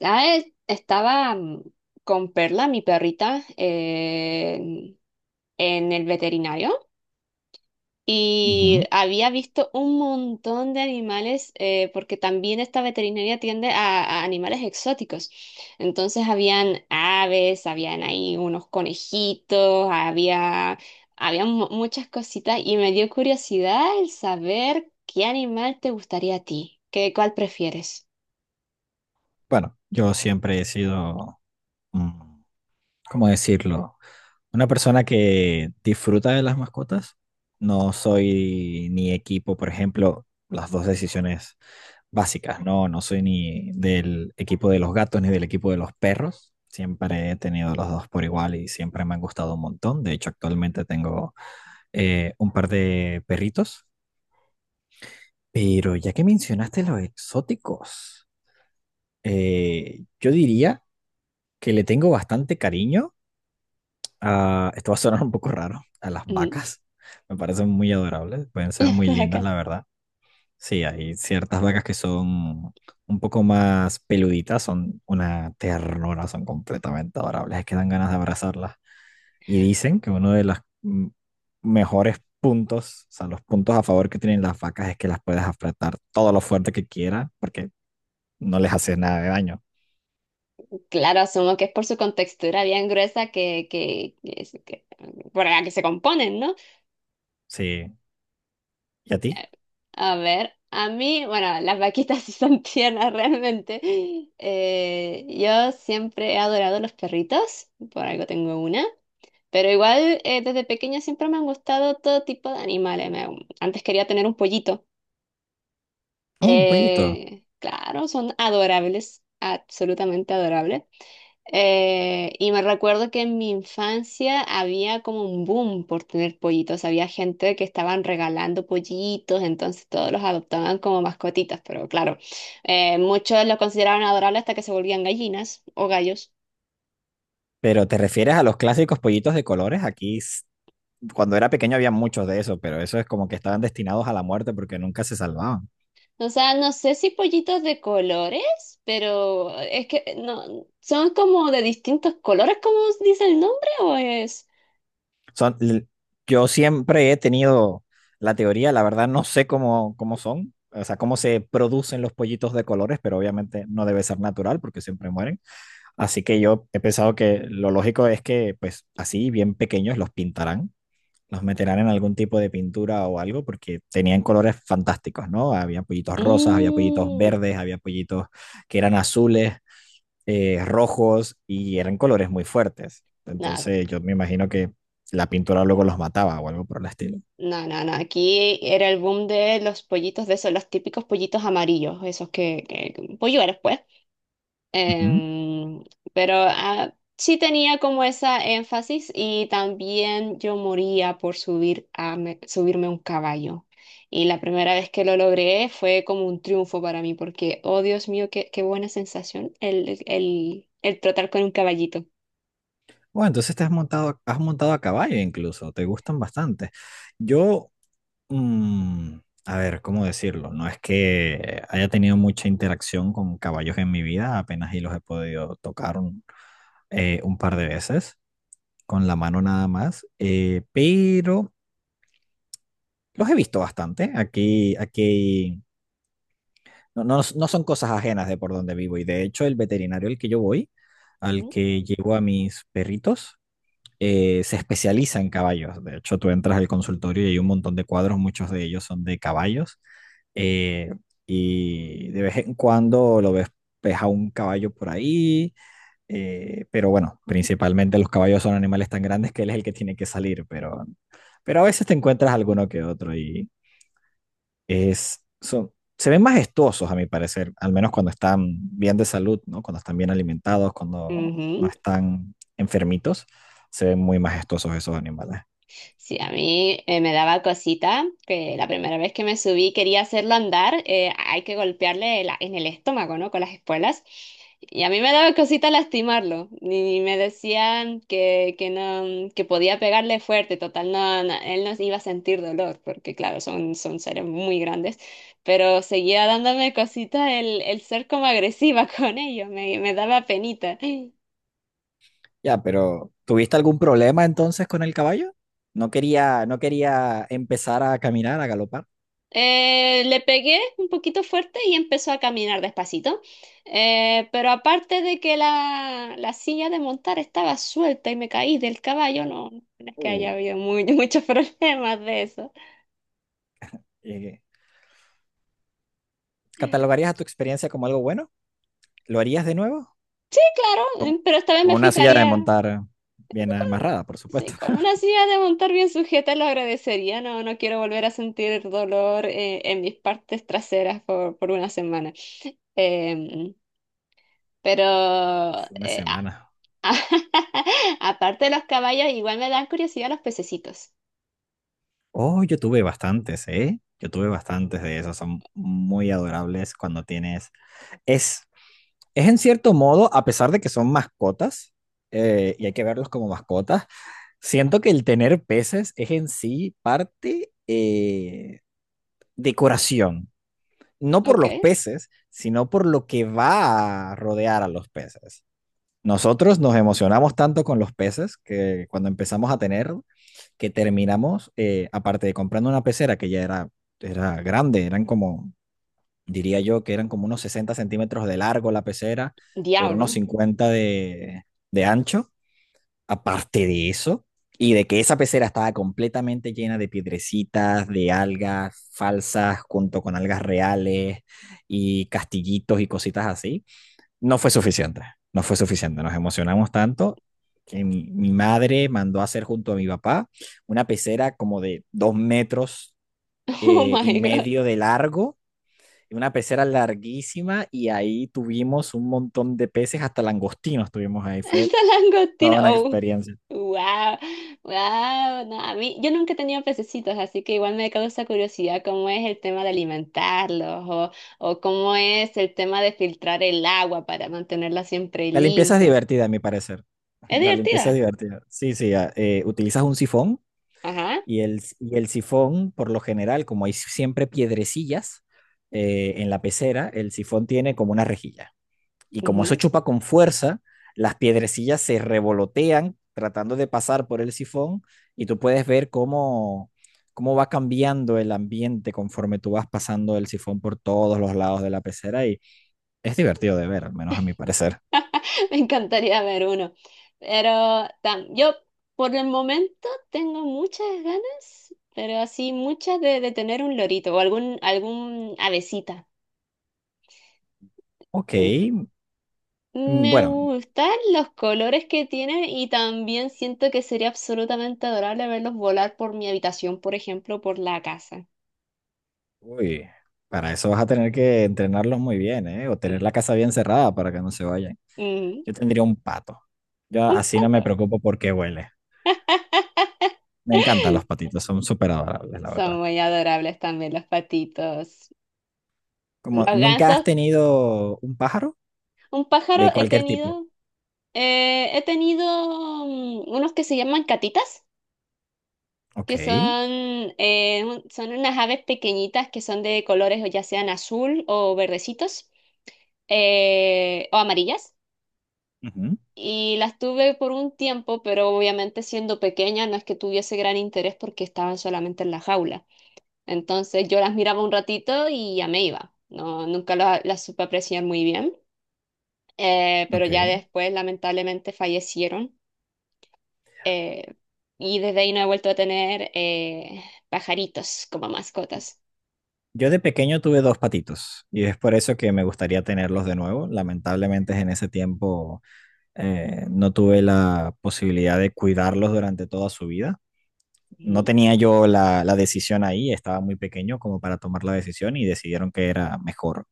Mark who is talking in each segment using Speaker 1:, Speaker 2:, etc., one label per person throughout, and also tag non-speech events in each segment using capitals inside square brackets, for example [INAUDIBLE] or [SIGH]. Speaker 1: Estaba con Perla, mi perrita, en el veterinario y
Speaker 2: Ujú.
Speaker 1: había visto un montón de animales porque también esta veterinaria atiende a animales exóticos. Entonces habían aves, habían ahí unos conejitos, había muchas cositas y me dio curiosidad el saber qué animal te gustaría a ti, cuál prefieres.
Speaker 2: Bueno, yo siempre he sido, mm, ¿cómo decirlo? Una persona que disfruta de las mascotas. No soy ni equipo, por ejemplo, las dos decisiones básicas, ¿no? No soy ni del equipo de los gatos ni del equipo de los perros. Siempre he tenido los dos por igual y siempre me han gustado un montón. De hecho, actualmente tengo un par de perritos. Pero ya que mencionaste los exóticos, yo diría que le tengo bastante cariño a, esto va a sonar un poco raro, a las
Speaker 1: Ujú.
Speaker 2: vacas. Me parecen muy adorables, pueden ser muy lindas, la
Speaker 1: [LAUGHS]
Speaker 2: verdad. Sí, hay ciertas vacas que son un poco más peluditas, son una ternura, son completamente adorables, es que dan ganas de abrazarlas. Y dicen que uno de los mejores puntos, o sea, los puntos a favor que tienen las vacas es que las puedes apretar todo lo fuerte que quieras, porque no les hace nada de daño.
Speaker 1: Claro, asumo que es por su contextura bien gruesa por la que se componen, ¿no?
Speaker 2: Sí. ¿Y a ti?
Speaker 1: A ver, a mí, bueno, las vaquitas [LAUGHS] sí son tiernas realmente. Yo siempre he adorado los perritos, por algo tengo una, pero igual desde pequeña siempre me han gustado todo tipo de animales. Antes quería tener un pollito.
Speaker 2: Oh, un pollito.
Speaker 1: Claro, son adorables, absolutamente adorables. Y me recuerdo que en mi infancia había como un boom por tener pollitos. Había gente que estaban regalando pollitos, entonces todos los adoptaban como mascotitas. Pero claro, muchos los consideraban adorables hasta que se volvían gallinas o gallos.
Speaker 2: Pero te refieres a los clásicos pollitos de colores. Aquí, cuando era pequeño había muchos de esos, pero eso es como que estaban destinados a la muerte porque nunca se salvaban.
Speaker 1: O sea, no sé si pollitos de colores, pero es que no, son como de distintos colores, como dice el nombre, o es.
Speaker 2: Son, yo siempre he tenido la teoría, la verdad no sé cómo, cómo son, o sea, cómo se producen los pollitos de colores, pero obviamente no debe ser natural porque siempre mueren. Así que yo he pensado que lo lógico es que, pues así, bien pequeños, los pintarán los meterán en algún tipo de pintura o algo, porque tenían colores fantásticos, ¿no? Había pollitos rosas, había pollitos
Speaker 1: Mm,
Speaker 2: verdes, había pollitos que eran azules, rojos, y eran colores muy fuertes.
Speaker 1: no,
Speaker 2: Entonces yo me imagino que la pintura luego los mataba o algo por el estilo.
Speaker 1: no, no, no. Aquí era el boom de los pollitos de esos, los típicos pollitos amarillos, esos que polluelos, pues.
Speaker 2: Ujú.
Speaker 1: Em, pero sí tenía como esa énfasis y también yo moría por subir a subirme a un caballo. Y la primera vez que lo logré fue como un triunfo para mí, porque, oh Dios mío, qué buena sensación el trotar con un caballito.
Speaker 2: Bueno, entonces te has montado a caballo incluso, te gustan bastante. Yo, mm, a ver, ¿cómo decirlo? No es que haya tenido mucha interacción con caballos en mi vida, apenas y los he podido tocar un par de veces con la mano nada más, pero los he visto bastante. Aquí, aquí no son cosas ajenas de por donde vivo y de hecho el veterinario al que yo voy, al
Speaker 1: Ujú.
Speaker 2: que llevo a mis perritos, se especializa en caballos. De hecho, tú entras al consultorio y hay un montón de cuadros, muchos de ellos son de caballos. eh, y de vez en cuando lo ves, ves a un caballo por ahí. Pero bueno, principalmente los caballos son animales tan grandes que él es el que tiene que salir, pero a veces te encuentras alguno que otro y es, son, se ven majestuosos a mi parecer, al menos cuando están bien de salud, ¿no? Cuando están bien alimentados, cuando no
Speaker 1: Ujú.
Speaker 2: están enfermitos, se ven muy majestuosos esos animales.
Speaker 1: Sí, a mí me daba cosita que la primera vez que me subí quería hacerlo andar, hay que golpearle en el estómago, ¿no? Con las espuelas. Y a mí me daba cosita lastimarlo. Y me decían que no, que podía pegarle fuerte, total, no, no, él no iba a sentir dolor, porque claro, son, son seres muy grandes. Pero seguía dándome cosita el ser como agresiva [LAUGHS] con ellos, me daba penita.
Speaker 2: Ya, pero ¿tuviste algún problema entonces con el caballo? No quería empezar a caminar, a galopar.
Speaker 1: Le pegué un poquito fuerte y empezó a caminar despacito. Pero aparte de que la silla de montar estaba suelta y me caí del caballo, no es que haya
Speaker 2: Uh,
Speaker 1: habido [LAUGHS] muchos problemas de eso.
Speaker 2: eh, ¿Catalogarías a tu experiencia como algo bueno? ¿Lo harías de nuevo?
Speaker 1: Claro,
Speaker 2: Con,
Speaker 1: pero esta vez
Speaker 2: con
Speaker 1: me
Speaker 2: una silla de
Speaker 1: fijaría,
Speaker 2: montar bien amarrada, por
Speaker 1: sí,
Speaker 2: supuesto.
Speaker 1: con
Speaker 2: [LAUGHS]
Speaker 1: una silla de montar bien sujeta lo agradecería. No quiero volver a sentir dolor en mis partes traseras por una semana. Em, pero
Speaker 2: Fue una
Speaker 1: eh,
Speaker 2: semana.
Speaker 1: [LAUGHS] aparte de los caballos, igual me dan curiosidad los pececitos.
Speaker 2: Oh, yo tuve bastantes, ¿eh? Yo tuve bastantes de esos. Son muy adorables cuando tienes... Es, es en cierto modo, a pesar de que son mascotas, y hay que verlos como mascotas, siento que el tener peces es en sí parte decoración. No por
Speaker 1: Ok.
Speaker 2: los peces, sino por lo que va a rodear a los peces. Nosotros nos emocionamos tanto con los peces que cuando empezamos a tener, que terminamos, aparte de comprando una pecera que ya era, era grande, eran como, diría yo, que eran como unos 60 centímetros de largo la pecera, por unos
Speaker 1: Diablo.
Speaker 2: 50 de ancho. Aparte de eso, y de que esa pecera estaba completamente llena de piedrecitas, de algas falsas, junto con algas reales y castillitos y cositas así no fue suficiente, no fue suficiente, nos emocionamos tanto que mi madre mandó a hacer junto a mi papá una pecera como de 2 metros
Speaker 1: [LAUGHS] Oh
Speaker 2: y
Speaker 1: my God.
Speaker 2: medio de largo, una pecera larguísima y ahí tuvimos un montón de peces, hasta langostinos tuvimos ahí, fue
Speaker 1: Esta
Speaker 2: toda
Speaker 1: langostina.
Speaker 2: una
Speaker 1: Oh.
Speaker 2: experiencia.
Speaker 1: Wow. Wow. No, a mí, yo nunca he tenido pececitos, así que igual me causa curiosidad cómo es el tema de o cómo es el tema de filtrar el agua para mantenerla siempre
Speaker 2: La limpieza es
Speaker 1: limpia.
Speaker 2: divertida, a mi parecer. [LAUGHS]
Speaker 1: Es
Speaker 2: La limpieza es
Speaker 1: divertida.
Speaker 2: divertida. Sí, sí, ah, utilizas un sifón.
Speaker 1: Ajá.
Speaker 2: Y el sifón, por lo general, como hay siempre piedrecillas en la pecera, el sifón tiene como una rejilla. Y como eso chupa con fuerza, las piedrecillas se revolotean tratando de pasar por el sifón y tú puedes ver cómo, cómo va cambiando el ambiente conforme tú vas pasando el sifón por todos los lados de la pecera y es divertido de ver, al menos a mi parecer.
Speaker 1: [LAUGHS] Me encantaría ver uno. Yo por el momento tengo muchas ganas, pero así muchas de tener un lorito o algún avecita.
Speaker 2: Ok,
Speaker 1: Mm. Me
Speaker 2: bueno,
Speaker 1: gustan los colores que tienen y también siento que sería absolutamente adorable verlos volar por mi habitación, por ejemplo, por la casa.
Speaker 2: uy, para eso vas a tener que entrenarlos muy bien, ¿eh? O tener
Speaker 1: Mm.
Speaker 2: la casa bien cerrada para que no se vayan.
Speaker 1: Mm.
Speaker 2: Yo tendría un pato. Yo
Speaker 1: Un
Speaker 2: así no me
Speaker 1: pato.
Speaker 2: preocupo porque huele.
Speaker 1: [LAUGHS]
Speaker 2: Me encantan los patitos, son súper adorables, la
Speaker 1: Son
Speaker 2: verdad.
Speaker 1: muy adorables también los patitos.
Speaker 2: Como,
Speaker 1: Los
Speaker 2: ¿nunca has
Speaker 1: gansos.
Speaker 2: tenido un pájaro
Speaker 1: Un pájaro
Speaker 2: de
Speaker 1: he
Speaker 2: cualquier tipo?
Speaker 1: tenido. He tenido unos que se llaman catitas,
Speaker 2: Ok,
Speaker 1: que son, son unas aves pequeñitas que son de colores o ya sean azul o verdecitos o amarillas.
Speaker 2: ujú,
Speaker 1: Y las tuve por un tiempo, pero obviamente siendo pequeña no es que tuviese gran interés porque estaban solamente en la jaula. Entonces yo las miraba un ratito y ya me iba. No, nunca las supe apreciar muy bien. Pero ya
Speaker 2: ok.
Speaker 1: después lamentablemente fallecieron. eh, y desde ahí no he vuelto a tener pajaritos como mascotas.
Speaker 2: Yo de pequeño tuve dos patitos y es por eso que me gustaría tenerlos de nuevo. Lamentablemente en ese tiempo no tuve la posibilidad de cuidarlos durante toda su vida, no
Speaker 1: Ujú.
Speaker 2: tenía yo la decisión ahí, estaba muy pequeño como para tomar la decisión y decidieron que era mejor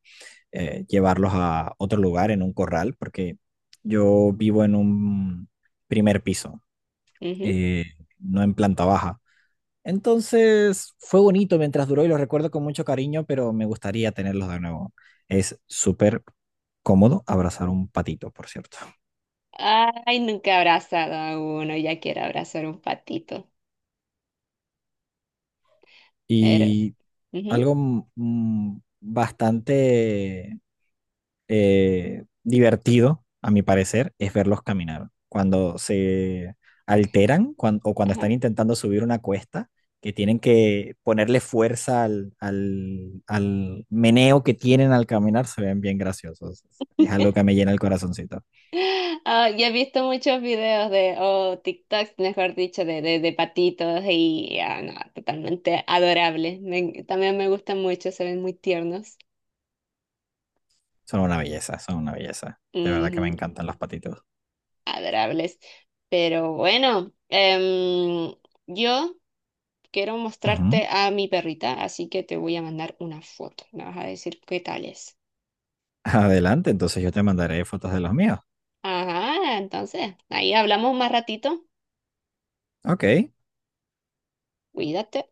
Speaker 2: llevarlos a otro lugar, en un corral, porque yo vivo en un primer piso,
Speaker 1: Ujú.
Speaker 2: eh, no en planta baja. Entonces fue bonito mientras duró y lo recuerdo con mucho cariño, pero me gustaría tenerlos de nuevo. Es súper cómodo abrazar un patito, por cierto.
Speaker 1: Ay, nunca he abrazado a uno, ya quiero abrazar un patito. Pero,
Speaker 2: Y
Speaker 1: ujú,
Speaker 2: algo bastante divertido, a mi parecer, es verlos caminar. Cuando se alteran o cuando
Speaker 1: ajá.
Speaker 2: están intentando subir una cuesta, que tienen que ponerle fuerza al meneo que tienen al caminar, se ven bien graciosos. Es algo que
Speaker 1: [LAUGHS]
Speaker 2: me llena el corazoncito.
Speaker 1: Ah, y he visto muchos videos o TikToks, mejor dicho, de patitos y ah, no, totalmente adorables. También me gustan mucho, se ven muy tiernos.
Speaker 2: Son una belleza, son una belleza. De verdad que me
Speaker 1: Ujú,
Speaker 2: encantan los patitos.
Speaker 1: adorables. Pero bueno, em, yo quiero
Speaker 2: Ujú.
Speaker 1: mostrarte a mi perrita, así que te voy a mandar una foto. Me vas a decir qué tal es.
Speaker 2: [LAUGHS] Adelante, entonces yo te mandaré fotos de los míos.
Speaker 1: Ajá, entonces, ahí hablamos más ratito.
Speaker 2: Ok.
Speaker 1: Cuídate.